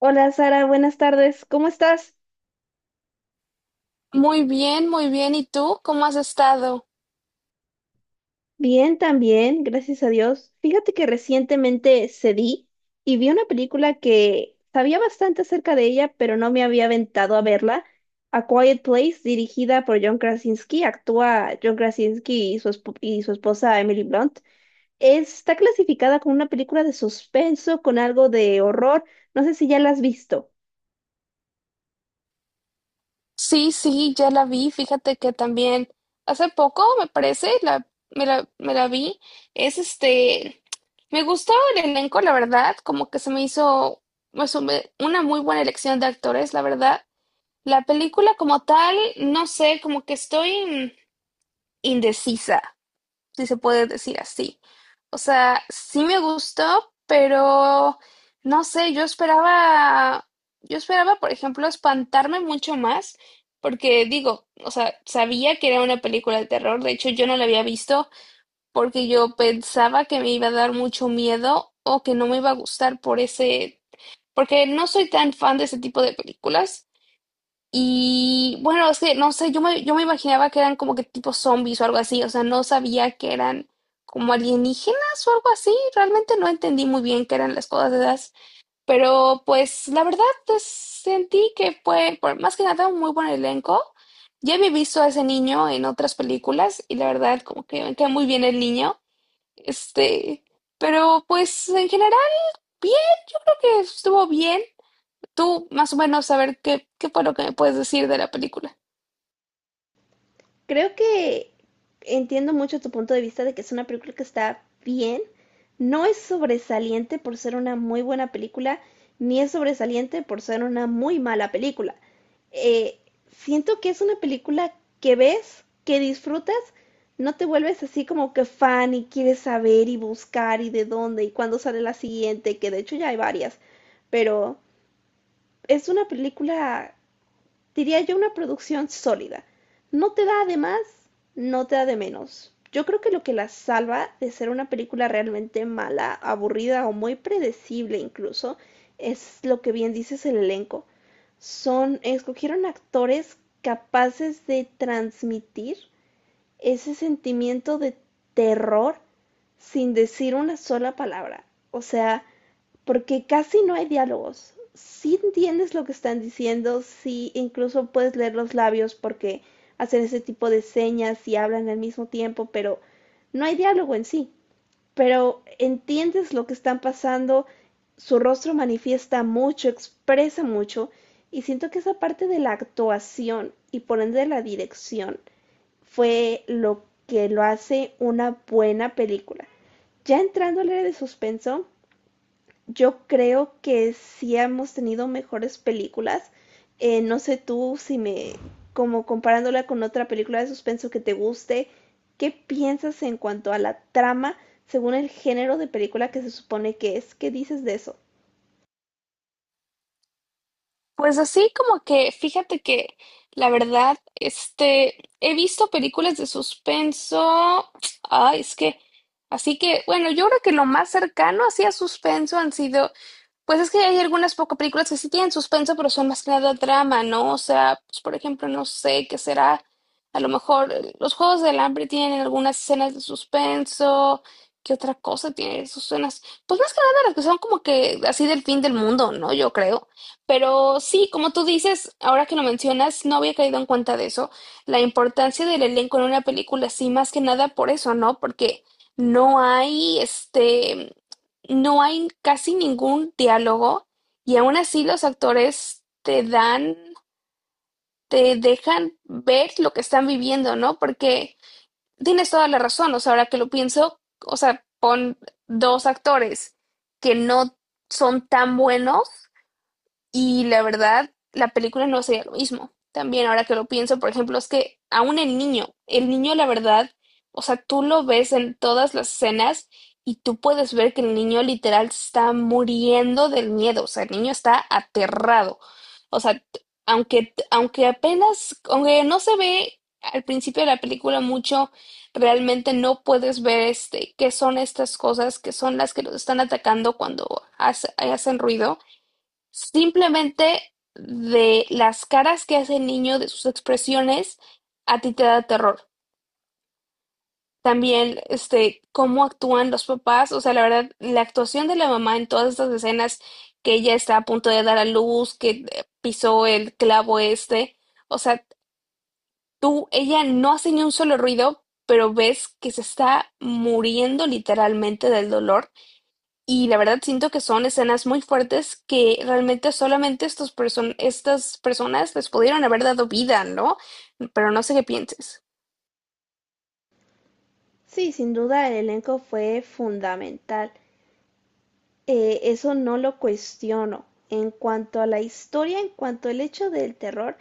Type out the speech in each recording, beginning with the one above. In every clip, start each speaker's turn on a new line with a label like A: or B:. A: Hola Sara, buenas tardes. ¿Cómo estás?
B: Muy bien, muy bien. ¿Y tú? ¿Cómo has estado?
A: Bien, también, gracias a Dios. Fíjate que recientemente cedí y vi una película que sabía bastante acerca de ella, pero no me había aventado a verla. A Quiet Place, dirigida por John Krasinski, actúa John Krasinski y y su esposa Emily Blunt. Está clasificada como una película de suspenso con algo de horror. No sé si ya la has visto.
B: Sí, sí, ya la vi. Fíjate que también hace poco, me parece, me la vi. Es este, me gustó el elenco, la verdad, como que se me hizo pues, una muy buena elección de actores, la verdad. La película como tal, no sé, como que estoy indecisa, si se puede decir así. O sea, sí me gustó, pero no sé, yo esperaba, por ejemplo, espantarme mucho más, porque digo, o sea, sabía que era una película de terror. De hecho, yo no la había visto porque yo pensaba que me iba a dar mucho miedo o que no me iba a gustar porque no soy tan fan de ese tipo de películas. Y bueno, es que no sé, yo me imaginaba que eran como que tipo zombies o algo así. O sea, no sabía que eran como alienígenas o algo así, realmente no entendí muy bien qué eran las cosas esas, pero pues la verdad pues, sentí que fue más que nada un muy buen elenco. Ya había visto a ese niño en otras películas y la verdad como que me queda muy bien el niño, este, pero pues en general bien, creo que estuvo bien. Tú más o menos saber qué fue lo que me puedes decir de la película.
A: Creo que entiendo mucho tu punto de vista de que es una película que está bien. No es sobresaliente por ser una muy buena película, ni es sobresaliente por ser una muy mala película. Eh, Siento que es una película que ves, que disfrutas, no te vuelves así como que fan y quieres saber y buscar y de dónde y cuándo sale la siguiente, que de hecho ya hay varias, pero es una película, diría yo, una producción sólida. No te da de más, no te da de menos. Yo creo que lo que la salva de ser una película realmente mala, aburrida o muy predecible incluso, es lo que bien dices, el elenco. Son, escogieron actores capaces de transmitir ese sentimiento de terror sin decir una sola palabra. O sea, porque casi no hay diálogos. Sí entiendes lo que están diciendo, sí incluso puedes leer los labios porque hacen ese tipo de señas y hablan al mismo tiempo, pero no hay diálogo en sí. Pero entiendes lo que están pasando, su rostro manifiesta mucho, expresa mucho, y siento que esa parte de la actuación y por ende de la dirección fue lo que lo hace una buena película. Ya entrando al área de suspenso, yo creo que sí hemos tenido mejores películas. No sé tú si me, como comparándola con otra película de suspenso que te guste, ¿qué piensas en cuanto a la trama según el género de película que se supone que es? ¿Qué dices de eso?
B: Pues así como que, fíjate que la verdad, he visto películas de suspenso. Ay, es que, así que, bueno, yo creo que lo más cercano así a suspenso han sido, pues es que hay algunas pocas películas que sí tienen suspenso, pero son más que nada drama, ¿no? O sea, pues por ejemplo, no sé qué será. A lo mejor los Juegos del Hambre tienen algunas escenas de suspenso. ¿Qué otra cosa tiene sus escenas? Pues más que nada las que son como que así del fin del mundo, ¿no? Yo creo. Pero sí, como tú dices, ahora que lo mencionas, no había caído en cuenta de eso. La importancia del elenco en una película, sí, más que nada por eso, ¿no? Porque no hay este no hay casi ningún diálogo y aún así los actores te dejan ver lo que están viviendo, ¿no? Porque tienes toda la razón, o sea, ahora que lo pienso, o sea, pon dos actores que no son tan buenos y la verdad, la película no sería lo mismo. También ahora que lo pienso, por ejemplo, es que aún el niño la verdad, o sea, tú lo ves en todas las escenas y tú puedes ver que el niño literal se está muriendo del miedo, o sea, el niño está aterrado. O sea, aunque apenas, aunque no se ve al principio de la película mucho, realmente no puedes ver qué son estas cosas, que son las que los están atacando cuando hacen ruido. Simplemente de las caras que hace el niño, de sus expresiones, a ti te da terror. También, cómo actúan los papás, o sea, la verdad, la actuación de la mamá en todas estas escenas, que ella está a punto de dar a luz, que pisó el clavo este, o sea, ella no hace ni un solo ruido, pero ves que se está muriendo literalmente del dolor. Y la verdad siento que son escenas muy fuertes que realmente solamente estas personas les pudieron haber dado vida, ¿no? Pero no sé qué pienses.
A: Sí, sin duda el elenco fue fundamental. Eso no lo cuestiono. En cuanto a la historia, en cuanto al hecho del terror,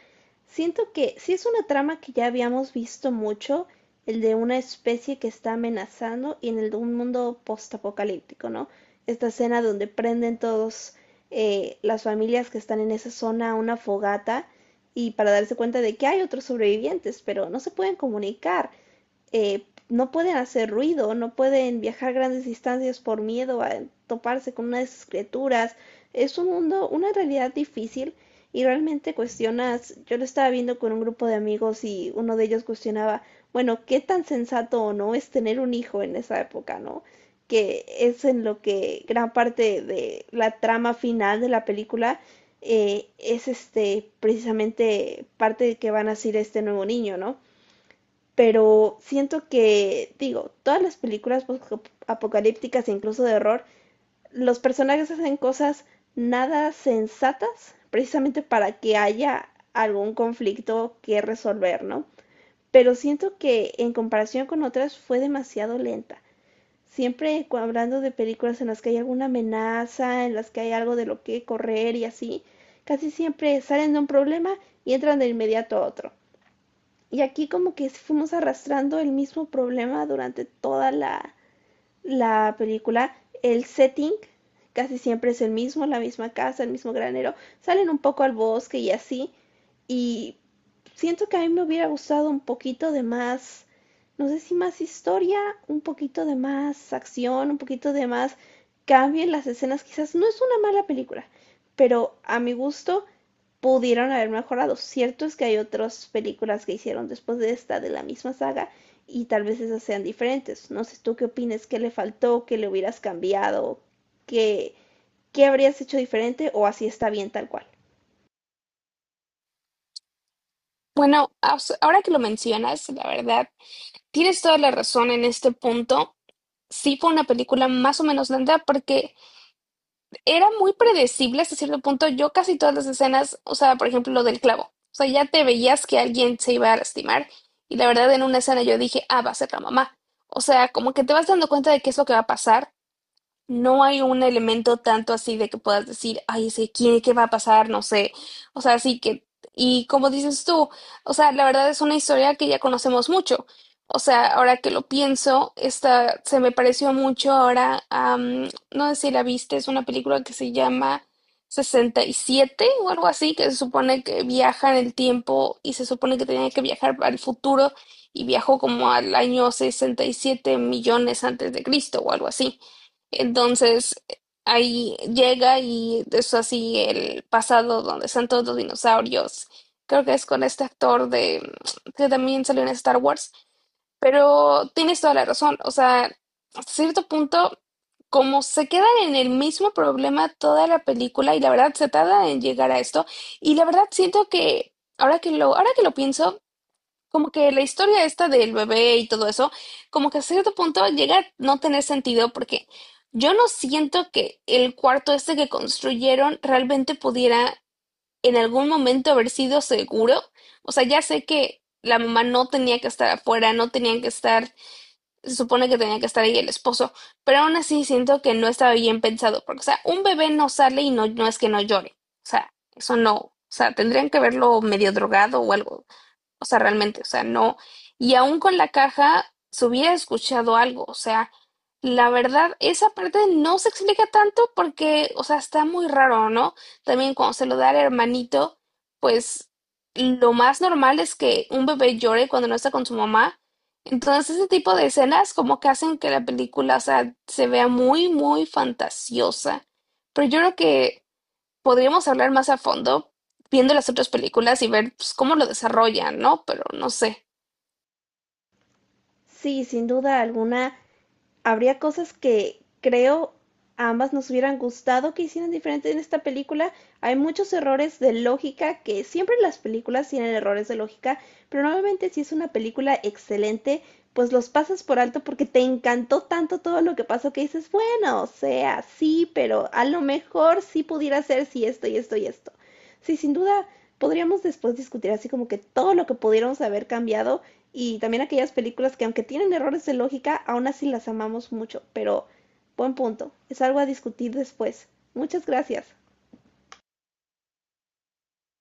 A: siento que sí es una trama que ya habíamos visto mucho, el de una especie que está amenazando y en el de un mundo postapocalíptico, ¿no? Esta escena donde prenden todos, las familias que están en esa zona, una fogata, y para darse cuenta de que hay otros sobrevivientes, pero no se pueden comunicar, eh, no pueden hacer ruido, no pueden viajar grandes distancias por miedo a toparse con unas criaturas. Es un mundo, una realidad difícil, y realmente cuestionas, yo lo estaba viendo con un grupo de amigos y uno de ellos cuestionaba, bueno, qué tan sensato o no es tener un hijo en esa época, ¿no? Que es en lo que gran parte de la trama final de la película, es este precisamente parte de que van a ser este nuevo niño, ¿no? Pero siento que, digo, todas las películas apocalípticas e incluso de horror, los personajes hacen cosas nada sensatas precisamente para que haya algún conflicto que resolver, ¿no? Pero siento que en comparación con otras fue demasiado lenta. Siempre hablando de películas en las que hay alguna amenaza, en las que hay algo de lo que correr y así, casi siempre salen de un problema y entran de inmediato a otro. Y aquí como que fuimos arrastrando el mismo problema durante toda la película. El setting casi siempre es el mismo, la misma casa, el mismo granero. Salen un poco al bosque y así. Y siento que a mí me hubiera gustado un poquito de más, no sé si más historia, un poquito de más acción, un poquito de más cambio en las escenas. Quizás no es una mala película, pero a mi gusto pudieron haber mejorado. Cierto es que hay otras películas que hicieron después de esta de la misma saga y tal vez esas sean diferentes. No sé tú qué opinas, qué le faltó, qué le hubieras cambiado, qué, qué habrías hecho diferente, o así está bien tal cual.
B: Bueno, ahora que lo mencionas, la verdad, tienes toda la razón en este punto. Sí fue una película más o menos lenta porque era muy predecible hasta cierto punto. Yo casi todas las escenas, o sea, por ejemplo, lo del clavo. O sea, ya te veías que alguien se iba a lastimar y la verdad en una escena yo dije, ah, va a ser la mamá. O sea, como que te vas dando cuenta de qué es lo que va a pasar. No hay un elemento tanto así de que puedas decir, ay, es que quién, qué va a pasar, no sé. O sea, sí que, y como dices tú, o sea, la verdad es una historia que ya conocemos mucho. O sea, ahora que lo pienso, esta se me pareció mucho ahora, no sé si la viste, es una película que se llama 67 o algo así, que se supone que viaja en el tiempo y se supone que tenía que viajar al futuro y viajó como al año 67 millones antes de Cristo o algo así. Entonces, ahí llega y es así el pasado donde están todos los dinosaurios. Creo que es con este actor de que también salió en Star Wars, pero tienes toda la razón. O sea, hasta cierto punto, como se quedan en el mismo problema toda la película y la verdad se tarda en llegar a esto, y la verdad siento que ahora que lo pienso, como que la historia esta del bebé y todo eso, como que a cierto punto llega a no tener sentido, porque yo no siento que el cuarto este que construyeron realmente pudiera en algún momento haber sido seguro. O sea, ya sé que la mamá no tenía que estar afuera, no tenían que estar, se supone que tenía que estar ahí el esposo, pero aún así siento que no estaba bien pensado, porque, o sea, un bebé no sale y no, no es que no llore. O sea, eso no. O sea, tendrían que verlo medio drogado o algo. O sea, realmente, o sea, no. Y aún con la caja se hubiera escuchado algo. O sea, la verdad, esa parte no se explica tanto porque, o sea, está muy raro, ¿no? También cuando se lo da al hermanito, pues lo más normal es que un bebé llore cuando no está con su mamá. Entonces, ese tipo de escenas como que hacen que la película, o sea, se vea muy, muy fantasiosa. Pero yo creo que podríamos hablar más a fondo viendo las otras películas y ver pues, cómo lo desarrollan, ¿no? Pero no sé.
A: Sí, sin duda alguna, habría cosas que creo a ambas nos hubieran gustado que hicieran diferente en esta película. Hay muchos errores de lógica, que siempre las películas tienen errores de lógica, pero normalmente si es una película excelente, pues los pasas por alto porque te encantó tanto todo lo que pasó que dices, bueno, o sea, sí, pero a lo mejor sí pudiera ser si sí, esto y esto y esto. Sí, sin duda podríamos después discutir así como que todo lo que pudiéramos haber cambiado, y también aquellas películas que aunque tienen errores de lógica, aún así las amamos mucho. Pero, buen punto, es algo a discutir después. Muchas gracias.